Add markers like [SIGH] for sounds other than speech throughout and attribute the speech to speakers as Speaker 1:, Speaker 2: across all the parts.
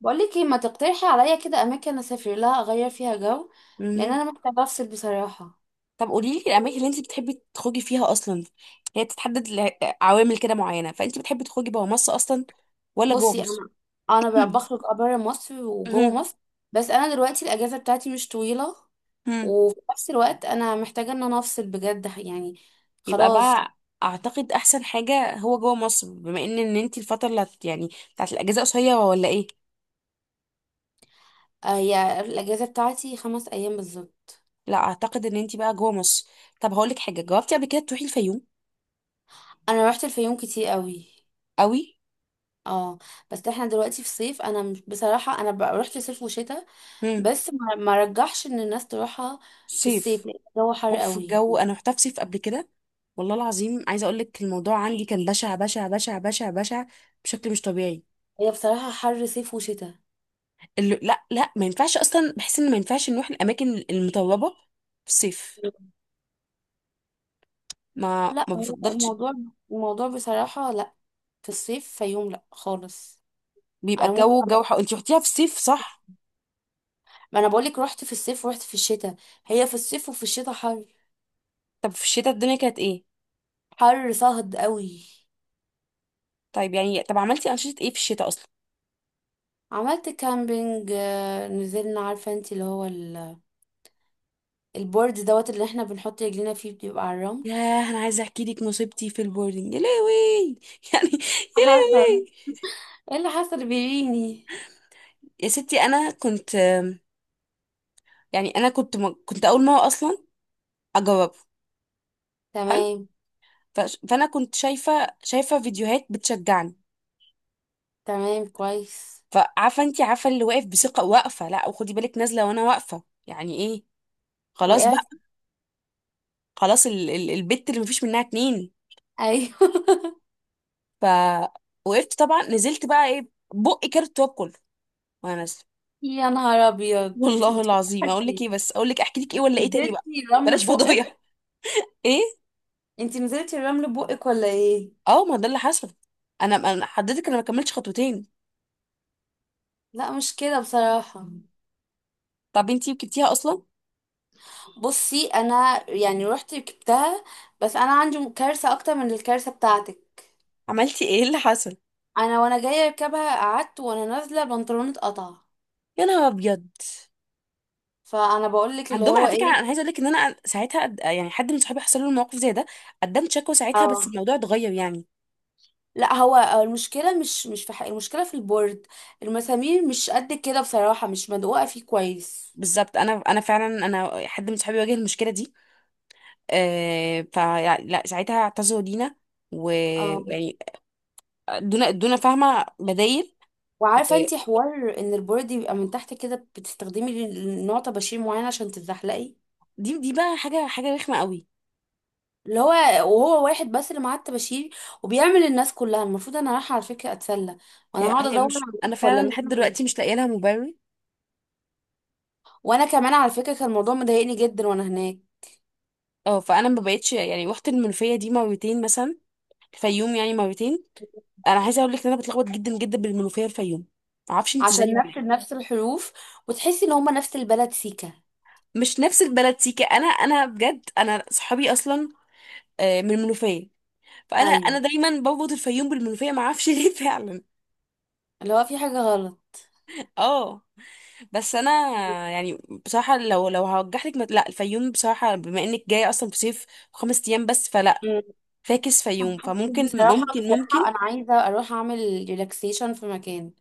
Speaker 1: بقولك ايه، ما تقترحي عليا كده اماكن اسافر لها اغير فيها جو؟ لان
Speaker 2: مهم.
Speaker 1: انا محتاجه افصل بصراحه.
Speaker 2: طب قولي لي الاماكن اللي انت بتحبي تخرجي فيها اصلا. هي بتتحدد لعوامل كده معينه، فانت بتحبي تخرجي بره مصر اصلا ولا جوه
Speaker 1: بصي
Speaker 2: مصر؟
Speaker 1: انا
Speaker 2: [CLEARS THROAT]
Speaker 1: بخرج، بره مصر وجوه
Speaker 2: مهم.
Speaker 1: مصر. بس انا دلوقتي الاجازه بتاعتي مش طويله،
Speaker 2: مم.
Speaker 1: وفي نفس الوقت انا محتاجه ان انا افصل بجد، يعني
Speaker 2: يبقى
Speaker 1: خلاص.
Speaker 2: بقى اعتقد احسن حاجه هو جوه مصر، بما ان انت الفتره اللي بتاعت الاجازه قصيره ولا ايه.
Speaker 1: هي الاجازه بتاعتي 5 ايام بالظبط.
Speaker 2: لا اعتقد ان انت بقى جوه مصر. طب هقول لك حاجه، جاوبتي قبل كده تروحي الفيوم؟
Speaker 1: انا رحت الفيوم كتير قوي.
Speaker 2: قوي.
Speaker 1: اه، بس احنا دلوقتي في صيف، انا بصراحه انا رحت صيف وشتاء،
Speaker 2: امم.
Speaker 1: بس ما رجحش ان الناس تروحها في
Speaker 2: صيف.
Speaker 1: الصيف لان الجو حر
Speaker 2: بوف
Speaker 1: قوي.
Speaker 2: الجو، انا رحت افسف قبل كده، والله العظيم عايزه اقول لك الموضوع عندي كان بشع بشع بشع بشع بشع بشكل مش طبيعي.
Speaker 1: هي بصراحة حر صيف وشتاء.
Speaker 2: اللي لا لا ما ينفعش اصلا، بحس ان ما ينفعش نروح الاماكن المطربه في الصيف. ما
Speaker 1: لا،
Speaker 2: ما
Speaker 1: هو
Speaker 2: بفضلش.
Speaker 1: الموضوع، الموضوع بصراحة لا. في الصيف فيوم لا خالص.
Speaker 2: بيبقى
Speaker 1: انا ممكن،
Speaker 2: الجو جو حق. انت رحتيها في الصيف صح؟
Speaker 1: ما انا بقولك رحت في الصيف ورحت في الشتاء. هي في الصيف وفي الشتاء حر.
Speaker 2: طب في الشتاء الدنيا كانت ايه؟
Speaker 1: حر صهد قوي.
Speaker 2: طيب يعني طب عملتي انشطه ايه في الشتاء اصلا؟
Speaker 1: عملت كامبينج، نزلنا، عارفة انت اللي هو البورد دوت اللي احنا بنحط رجلينا فيه بيبقى على الرمل.
Speaker 2: ياه، انا عايزه احكي لك مصيبتي في البوردنج يا لهوي [LAUGHS] يعني. يا
Speaker 1: حصل.
Speaker 2: لهوي.
Speaker 1: ايه اللي حصل بيريني؟
Speaker 2: يا ستي انا كنت، يعني انا كنت كنت اول مره اصلا اجرب.
Speaker 1: تمام.
Speaker 2: فانا كنت شايفه فيديوهات بتشجعني.
Speaker 1: تمام، كويس.
Speaker 2: فعارفه انت، عارفه اللي واقف بثقه، واقفه لا وخدي بالك، نازله وانا واقفه يعني ايه. خلاص بقى.
Speaker 1: وقعت.
Speaker 2: خلاص ال البت اللي مفيش منها اتنين.
Speaker 1: ايوه [LAUGHS]
Speaker 2: فوقفت طبعا، نزلت بقى ايه. بقي كارت التواب كله وانا نازله.
Speaker 1: يا نهار
Speaker 2: [LAUGHS]
Speaker 1: ابيض.
Speaker 2: والله
Speaker 1: انت
Speaker 2: العظيم، اقول لك
Speaker 1: وقعتي.
Speaker 2: ايه بس، اقول لك احكي لك ايه ولا ايه تاني بقى؟
Speaker 1: نزلتي الرمل
Speaker 2: بلاش
Speaker 1: ببقك.
Speaker 2: فضايح. [LAUGHS] ايه.
Speaker 1: انتي نزلتي الرمل ببقك ولا ايه؟
Speaker 2: اه ما ده اللي حصل. انا حضرتك انا ما كملتش خطوتين.
Speaker 1: لا، مش كده بصراحة.
Speaker 2: طب انتي وكبتيها اصلا؟
Speaker 1: بصي انا يعني رحت ركبتها، بس انا عندي كارثة اكتر من الكارثة بتاعتك.
Speaker 2: عملتي ايه اللي حصل؟
Speaker 1: انا وانا جاية اركبها قعدت وانا نازلة بنطلوني اتقطع.
Speaker 2: يا نهار ابيض.
Speaker 1: فانا بقولك اللي
Speaker 2: عندهم
Speaker 1: هو
Speaker 2: على فكره،
Speaker 1: ايه.
Speaker 2: انا عايزه اقول لك ان انا ساعتها حد من صحابي حصل له الموقف زي ده، قدمت شكوى ساعتها،
Speaker 1: اه،
Speaker 2: بس الموضوع اتغير يعني.
Speaker 1: لا، هو هو المشكلة، مش في حق، المشكلة في البورد. المسامير مش قد كده بصراحة، مش مدقوقة فيه كويس.
Speaker 2: بالظبط، انا فعلا انا حد من صحابي واجه المشكله دي. آه ف لا ساعتها اعتذروا لينا
Speaker 1: اه،
Speaker 2: ويعني ادونا فاهمه بدايل.
Speaker 1: وعارفه انتي حوار ان البورد يبقى من تحت كده بتستخدمي نوع طباشير معين عشان تتزحلقي.
Speaker 2: دي بقى حاجه رخمه قوي.
Speaker 1: اللي هو، وهو واحد بس اللي معاه الطباشير وبيعمل الناس كلها. المفروض انا رايحه على فكره اتسلى، وانا
Speaker 2: هي
Speaker 1: هقعد
Speaker 2: هي
Speaker 1: ادور
Speaker 2: مش،
Speaker 1: عليك
Speaker 2: انا
Speaker 1: ولا
Speaker 2: فعلا
Speaker 1: إن
Speaker 2: لحد
Speaker 1: انا.
Speaker 2: دلوقتي مش لاقيه لها مبرر.
Speaker 1: وانا كمان على فكره كان الموضوع مضايقني جدا وانا هناك.
Speaker 2: اه، فانا ما بقتش يعني، رحت المنوفيه دي مرتين مثلا، الفيوم يعني مرتين. انا عايزه اقول لك ان انا بتلخبط جدا جدا بالمنوفيه والفيوم، معرفش انت زيي
Speaker 1: عشان
Speaker 2: ولا
Speaker 1: نفس
Speaker 2: ايه.
Speaker 1: نفس الحروف وتحسي ان هما نفس البلد سيكا.
Speaker 2: مش نفس البلد سيكا. انا بجد، انا صحابي اصلا آه، من المنوفيه. فانا
Speaker 1: ايوه،
Speaker 2: دايما بربط الفيوم بالمنوفيه، ما اعرفش ليه [LAUGHS] فعلا.
Speaker 1: اللي هو في حاجه غلط.
Speaker 2: اه. بس انا يعني بصراحه، لو لا الفيوم بصراحه، بما انك جايه اصلا في صيف، 5 ايام بس، فلا.
Speaker 1: مم.
Speaker 2: فاكس فيوم، فممكن
Speaker 1: بصراحه
Speaker 2: ممكن ممكن.
Speaker 1: بصراحه انا عايزه اروح اعمل ريلاكسيشن في مكان،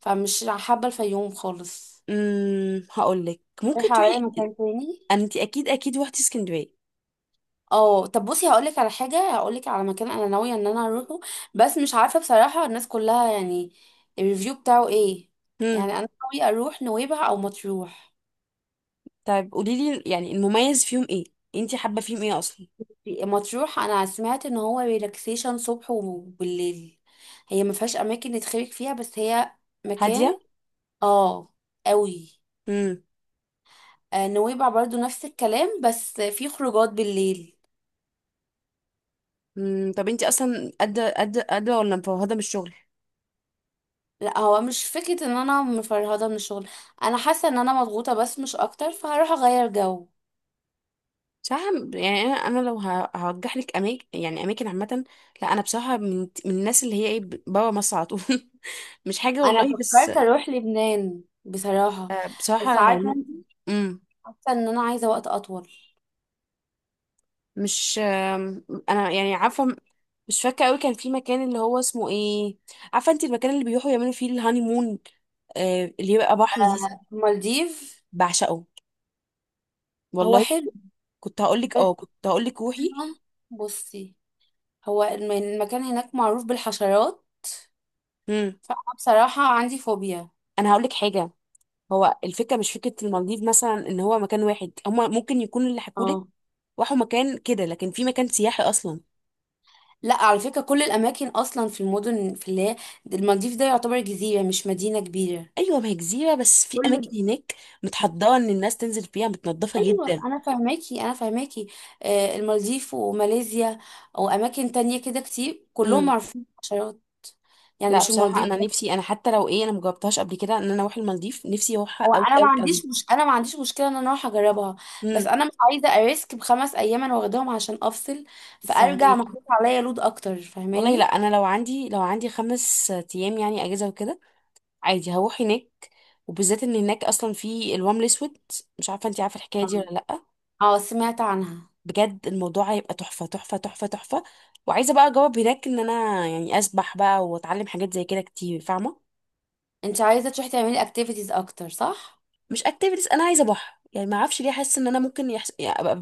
Speaker 1: فمش حابه الفيوم خالص.
Speaker 2: امم. هقول لك ممكن
Speaker 1: رايحة عليا
Speaker 2: تروحي.
Speaker 1: مكان تاني.
Speaker 2: انت اكيد اكيد روحتي اسكندريه.
Speaker 1: اه، طب بصي هقولك على حاجة، هقولك على مكان انا ناوية ان انا اروحه، بس مش عارفة بصراحة الناس كلها يعني الريفيو بتاعه ايه.
Speaker 2: امم.
Speaker 1: يعني انا ناوية اروح نويبع او مطروح.
Speaker 2: طيب قولي لي يعني المميز فيهم ايه؟ انت حابه فيهم ايه اصلا؟
Speaker 1: مطروح انا سمعت ان هو ريلاكسيشن صبح وبالليل. هي ما فيهاش اماكن نتخرج فيها، بس هي مكان.
Speaker 2: هاديه.
Speaker 1: اه، قوي. نويبع برضو نفس الكلام بس في خروجات بالليل.
Speaker 2: مم، طب انتي اصلا قادره قادره قادره ولا مفوهده من الشغل؟
Speaker 1: لا، هو مش فكرة ان انا مفرهدة من الشغل. انا حاسة ان انا مضغوطة بس، مش اكتر، فهروح اغير جو.
Speaker 2: صح. يعني انا لو هرجح لك اماكن يعني اماكن عامه. لا انا بصراحه من الناس اللي هي ايه، بره مصر على طول. [LAUGHS] مش حاجه
Speaker 1: انا
Speaker 2: والله بس.
Speaker 1: فكرت اروح لبنان بصراحة،
Speaker 2: آه،
Speaker 1: بس
Speaker 2: بصراحه
Speaker 1: عارفة
Speaker 2: يعني.
Speaker 1: انت،
Speaker 2: امم.
Speaker 1: حاسة ان انا عايزة وقت اطول.
Speaker 2: مش آم، انا يعني عارفه مش فاكره قوي، كان في مكان اللي هو اسمه ايه. عارفه انت المكان اللي بيروحوا يعملوا فيه الهاني مون، آه، اللي يبقى بحر دي.
Speaker 1: المالديف.
Speaker 2: بعشقه.
Speaker 1: هو
Speaker 2: والله
Speaker 1: حلو،
Speaker 2: كنت هقول لك
Speaker 1: بس
Speaker 2: اه، كنت هقول لك روحي.
Speaker 1: انا، بصي، هو المكان هناك معروف بالحشرات،
Speaker 2: امم.
Speaker 1: فانا بصراحة عندي فوبيا.
Speaker 2: انا هقول لك حاجه، هو الفكره مش فكره المالديف مثلا ان هو مكان واحد، هما ممكن يكون اللي حكولك
Speaker 1: اه،
Speaker 2: راحوا مكان كده، لكن في مكان سياحي اصلا.
Speaker 1: لا، على فكرة كل الاماكن اصلا في المدن، في اللي هي، المالديف ده يعتبر جزيرة مش مدينة كبيرة.
Speaker 2: ايوه، ما هي جزيره، بس في
Speaker 1: كله.
Speaker 2: اماكن هناك متحضره ان الناس تنزل فيها، متنضفه
Speaker 1: ايوه،
Speaker 2: جدا.
Speaker 1: انا فاهماكي انا فاهماكي. المالديف وماليزيا واماكن تانية كده كتير كلهم
Speaker 2: امم.
Speaker 1: معروفين بالحشرات. يعني
Speaker 2: لا
Speaker 1: مش
Speaker 2: بصراحه
Speaker 1: المالديف
Speaker 2: انا
Speaker 1: بس.
Speaker 2: نفسي، انا حتى لو ايه انا مجربتهاش قبل كده، ان انا اروح المالديف نفسي اروحها
Speaker 1: هو
Speaker 2: قوي
Speaker 1: انا ما
Speaker 2: قوي قوي.
Speaker 1: عنديش، مش انا ما عنديش مشكله ان انا اروح اجربها، بس
Speaker 2: امم.
Speaker 1: انا مش عايزه اريسك ب5 ايام انا واخداهم عشان افصل، فارجع
Speaker 2: فاهمك.
Speaker 1: محطوط عليا لود اكتر،
Speaker 2: والله لا،
Speaker 1: فاهماني.
Speaker 2: انا لو عندي 5 ايام يعني اجازه وكده، عادي هروح هناك، وبالذات ان هناك اصلا في الوام الاسود، مش عارفه انت عارفه الحكايه دي
Speaker 1: اه،
Speaker 2: ولا لا.
Speaker 1: سمعت عنها.
Speaker 2: بجد الموضوع هيبقى تحفة تحفة تحفة تحفة. وعايزة بقى اجاوب هناك ان انا يعني اسبح بقى واتعلم حاجات زي كده كتير، فاهمة.
Speaker 1: انت عايزه تروحي تعملي اكتيفيتيز اكتر، صح؟
Speaker 2: مش اكتيفيتيز، انا عايزة بحر يعني، ما اعرفش ليه حاسة ان انا ممكن يعني ابقى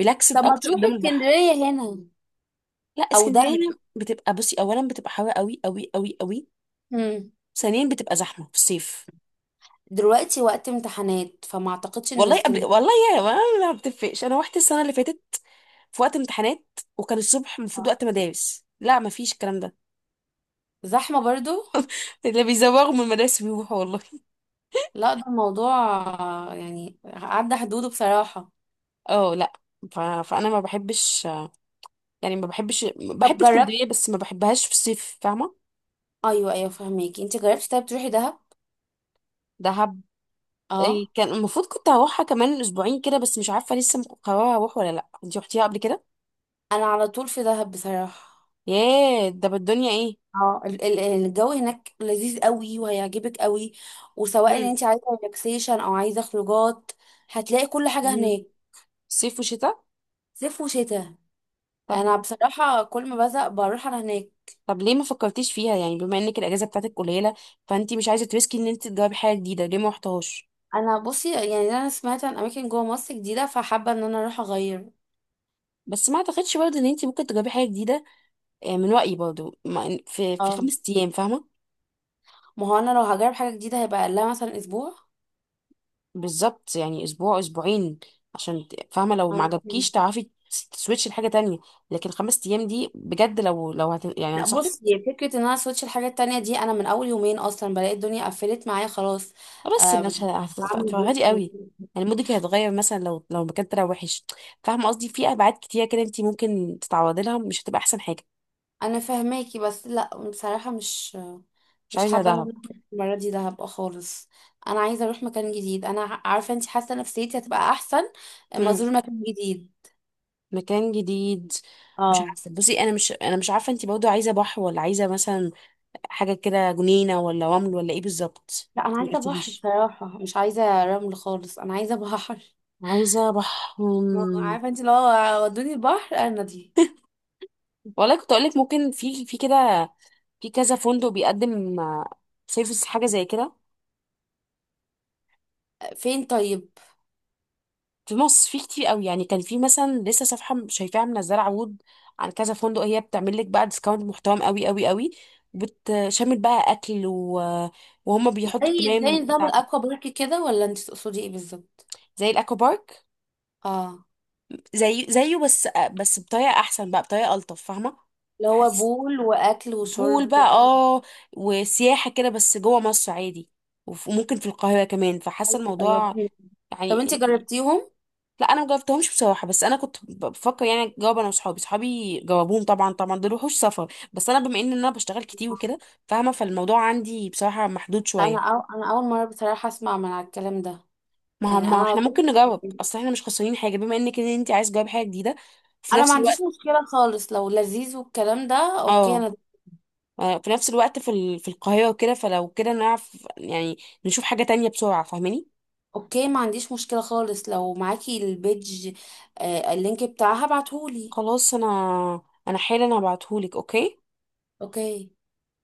Speaker 2: ريلاكسد
Speaker 1: طب ما
Speaker 2: اكتر
Speaker 1: تروحي
Speaker 2: قدام البحر.
Speaker 1: اسكندريه هنا،
Speaker 2: لا
Speaker 1: او
Speaker 2: اسكندرية
Speaker 1: دهب.
Speaker 2: هنا بتبقى، بصي، اولا بتبقى حلوة قوي قوي قوي قوي.
Speaker 1: مم.
Speaker 2: ثانيا بتبقى زحمة في الصيف.
Speaker 1: دلوقتي وقت امتحانات فما اعتقدش ان
Speaker 2: والله قبل،
Speaker 1: اسكندريه.
Speaker 2: والله يا ما، ما بتفقش. انا رحت السنة اللي فاتت في وقت امتحانات، وكان الصبح المفروض وقت مدارس، لا ما فيش الكلام ده.
Speaker 1: زحمة برضو.
Speaker 2: [LAUGHS] اللي بيزوغوا من المدارس بيروحوا والله.
Speaker 1: لا، ده الموضوع، يعني عدى حدوده بصراحة.
Speaker 2: اه. لا فانا ما بحبش يعني، ما بحبش،
Speaker 1: طب
Speaker 2: بحب اسكندريه
Speaker 1: جربت.
Speaker 2: بس ما بحبهاش في الصيف، فاهمه.
Speaker 1: ايوه ايوه، فهميكي، انت جربتي. طيب تروحي دهب.
Speaker 2: دهب. إيه،
Speaker 1: اه،
Speaker 2: كان المفروض كنت هروحها كمان 2 اسبوع كده، بس مش عارفه لسه مقرره اروح ولا لا. انتي رحتيها قبل كده؟
Speaker 1: انا على طول في دهب بصراحة.
Speaker 2: ياه، ده بالدنيا ايه.
Speaker 1: اه، الجو هناك لذيذ قوي وهيعجبك قوي. وسواء ان
Speaker 2: مم.
Speaker 1: انت عايزة ريلاكسيشن او عايزة خروجات، هتلاقي كل حاجة
Speaker 2: مم.
Speaker 1: هناك.
Speaker 2: صيف وشتاء.
Speaker 1: صيف وشتاء.
Speaker 2: طب.
Speaker 1: انا بصراحة كل ما بزهق بروح انا هناك.
Speaker 2: طب ليه ما فكرتيش فيها يعني، بما انك الاجازه بتاعتك قليله، فانتي مش عايزه تريسكي ان انت تجربي حاجه جديده، ليه ما رحتهاش.
Speaker 1: انا بصي يعني انا سمعت عن اماكن جوه مصر جديدة، فحابة ان انا اروح اغير.
Speaker 2: بس ما اعتقدش برضه ان انت ممكن تجربي حاجه جديده آه، من رايي برضه في في
Speaker 1: اه،
Speaker 2: 5 ايام، فاهمه.
Speaker 1: ما هو انا لو هجرب حاجه جديده هيبقى اقلها مثلا اسبوع.
Speaker 2: بالظبط، يعني 1 اسبوع 2 اسبوع، عشان فاهمه لو ما
Speaker 1: انا فهمت.
Speaker 2: عجبكيش تعرفي تسويتش لحاجه تانية. لكن 5 ايام دي بجد، لو لو يعني
Speaker 1: لا،
Speaker 2: انصحك.
Speaker 1: بصي، فكرة ان انا سويتش الحاجات التانية دي، انا من اول يومين اصلا بلاقي الدنيا قفلت معايا خلاص.
Speaker 2: بس
Speaker 1: آه
Speaker 2: مش
Speaker 1: بعمل
Speaker 2: هتفرهدي
Speaker 1: بوست.
Speaker 2: قوي. يعني مودك هيتغير مثلا، لو المكان طلع وحش، فاهمه قصدي. في ابعاد كتير كده انت ممكن تتعرضي لها، مش هتبقى احسن حاجه.
Speaker 1: انا فاهماكي بس لا، بصراحة مش،
Speaker 2: مش
Speaker 1: مش
Speaker 2: عايزه
Speaker 1: حابة ان
Speaker 2: ده.
Speaker 1: انا أروح المرة دي دهب خالص. انا عايزة اروح مكان جديد، انا عارفة انتي، حاسة نفسيتي هتبقى احسن اما
Speaker 2: مم.
Speaker 1: ازور مكان جديد.
Speaker 2: مكان جديد. مش
Speaker 1: اه،
Speaker 2: عارفه، بصي انا مش، انا مش عارفه انت برضه عايزه بحر ولا عايزه مثلا حاجه كده جنينه ولا رمل ولا ايه بالظبط.
Speaker 1: لا، انا
Speaker 2: ما
Speaker 1: عايزة بحر
Speaker 2: قلتليش.
Speaker 1: بصراحة، مش عايزة رمل خالص، انا عايزة [LAUGHS] بحر.
Speaker 2: عايزة بح. مم.
Speaker 1: عارفة انتي لو ودوني البحر انا دي.
Speaker 2: والله كنت أقولك ممكن في في كده، في كذا فندق بيقدم سيرفيس حاجة زي كده.
Speaker 1: فين طيب؟
Speaker 2: في مصر في كتير قوي، يعني كان في مثلا لسه صفحة شايفاها منزلة عروض عن كذا فندق، هي بتعمل لك بقى ديسكاونت محترم قوي قوي قوي، بتشمل بقى أكل و... وهم بيحطوا
Speaker 1: زي
Speaker 2: بلان
Speaker 1: نظام
Speaker 2: بتاعتك.
Speaker 1: الاكوا بارك كده ولا انت تقصدي ايه بالظبط؟
Speaker 2: زي الأكوا بارك،
Speaker 1: اه،
Speaker 2: زي زيه بس، بس بطريقة أحسن بقى، بطريقة ألطف، فاهمة.
Speaker 1: اللي هو
Speaker 2: بحس
Speaker 1: بول واكل وشرب
Speaker 2: بول بقى
Speaker 1: كأنه
Speaker 2: اه، وسياحة كده بس جوه مصر عادي. وممكن في القاهرة كمان، فحاسة
Speaker 1: أيوة،
Speaker 2: الموضوع
Speaker 1: فهمت. طب
Speaker 2: يعني.
Speaker 1: انت جربتيهم؟
Speaker 2: لا انا مجربتهمش بصراحة، بس انا كنت بفكر يعني اجرب انا وصحابي، صحابي جربوهم طبعا طبعا، دول وحوش سفر، بس انا بما ان انا بشتغل كتير وكده، فاهمة، فالموضوع عندي بصراحة محدود
Speaker 1: انا
Speaker 2: شوية.
Speaker 1: انا اول مره بصراحه اسمع من على الكلام ده.
Speaker 2: ما
Speaker 1: يعني
Speaker 2: هم
Speaker 1: انا على
Speaker 2: احنا
Speaker 1: طول
Speaker 2: ممكن نجرب،
Speaker 1: [LAUGHS]
Speaker 2: اصل احنا مش خسرانين حاجة، بما انك ان انت عايز تجرب حاجة جديدة في
Speaker 1: انا ما
Speaker 2: نفس
Speaker 1: عنديش
Speaker 2: الوقت.
Speaker 1: مشكله خالص لو لذيذ والكلام ده. اوكي
Speaker 2: اه.
Speaker 1: انا.
Speaker 2: آه، في نفس الوقت في في القاهرة وكده، فلو كده نعرف يعني نشوف حاجة تانية بسرعة، فاهماني.
Speaker 1: اوكي، ما عنديش مشكله خالص لو معاكي البيج، اللينك بتاعها ابعتهولي.
Speaker 2: خلاص، انا انا حالا هبعتهولك. اوكي.
Speaker 1: اوكي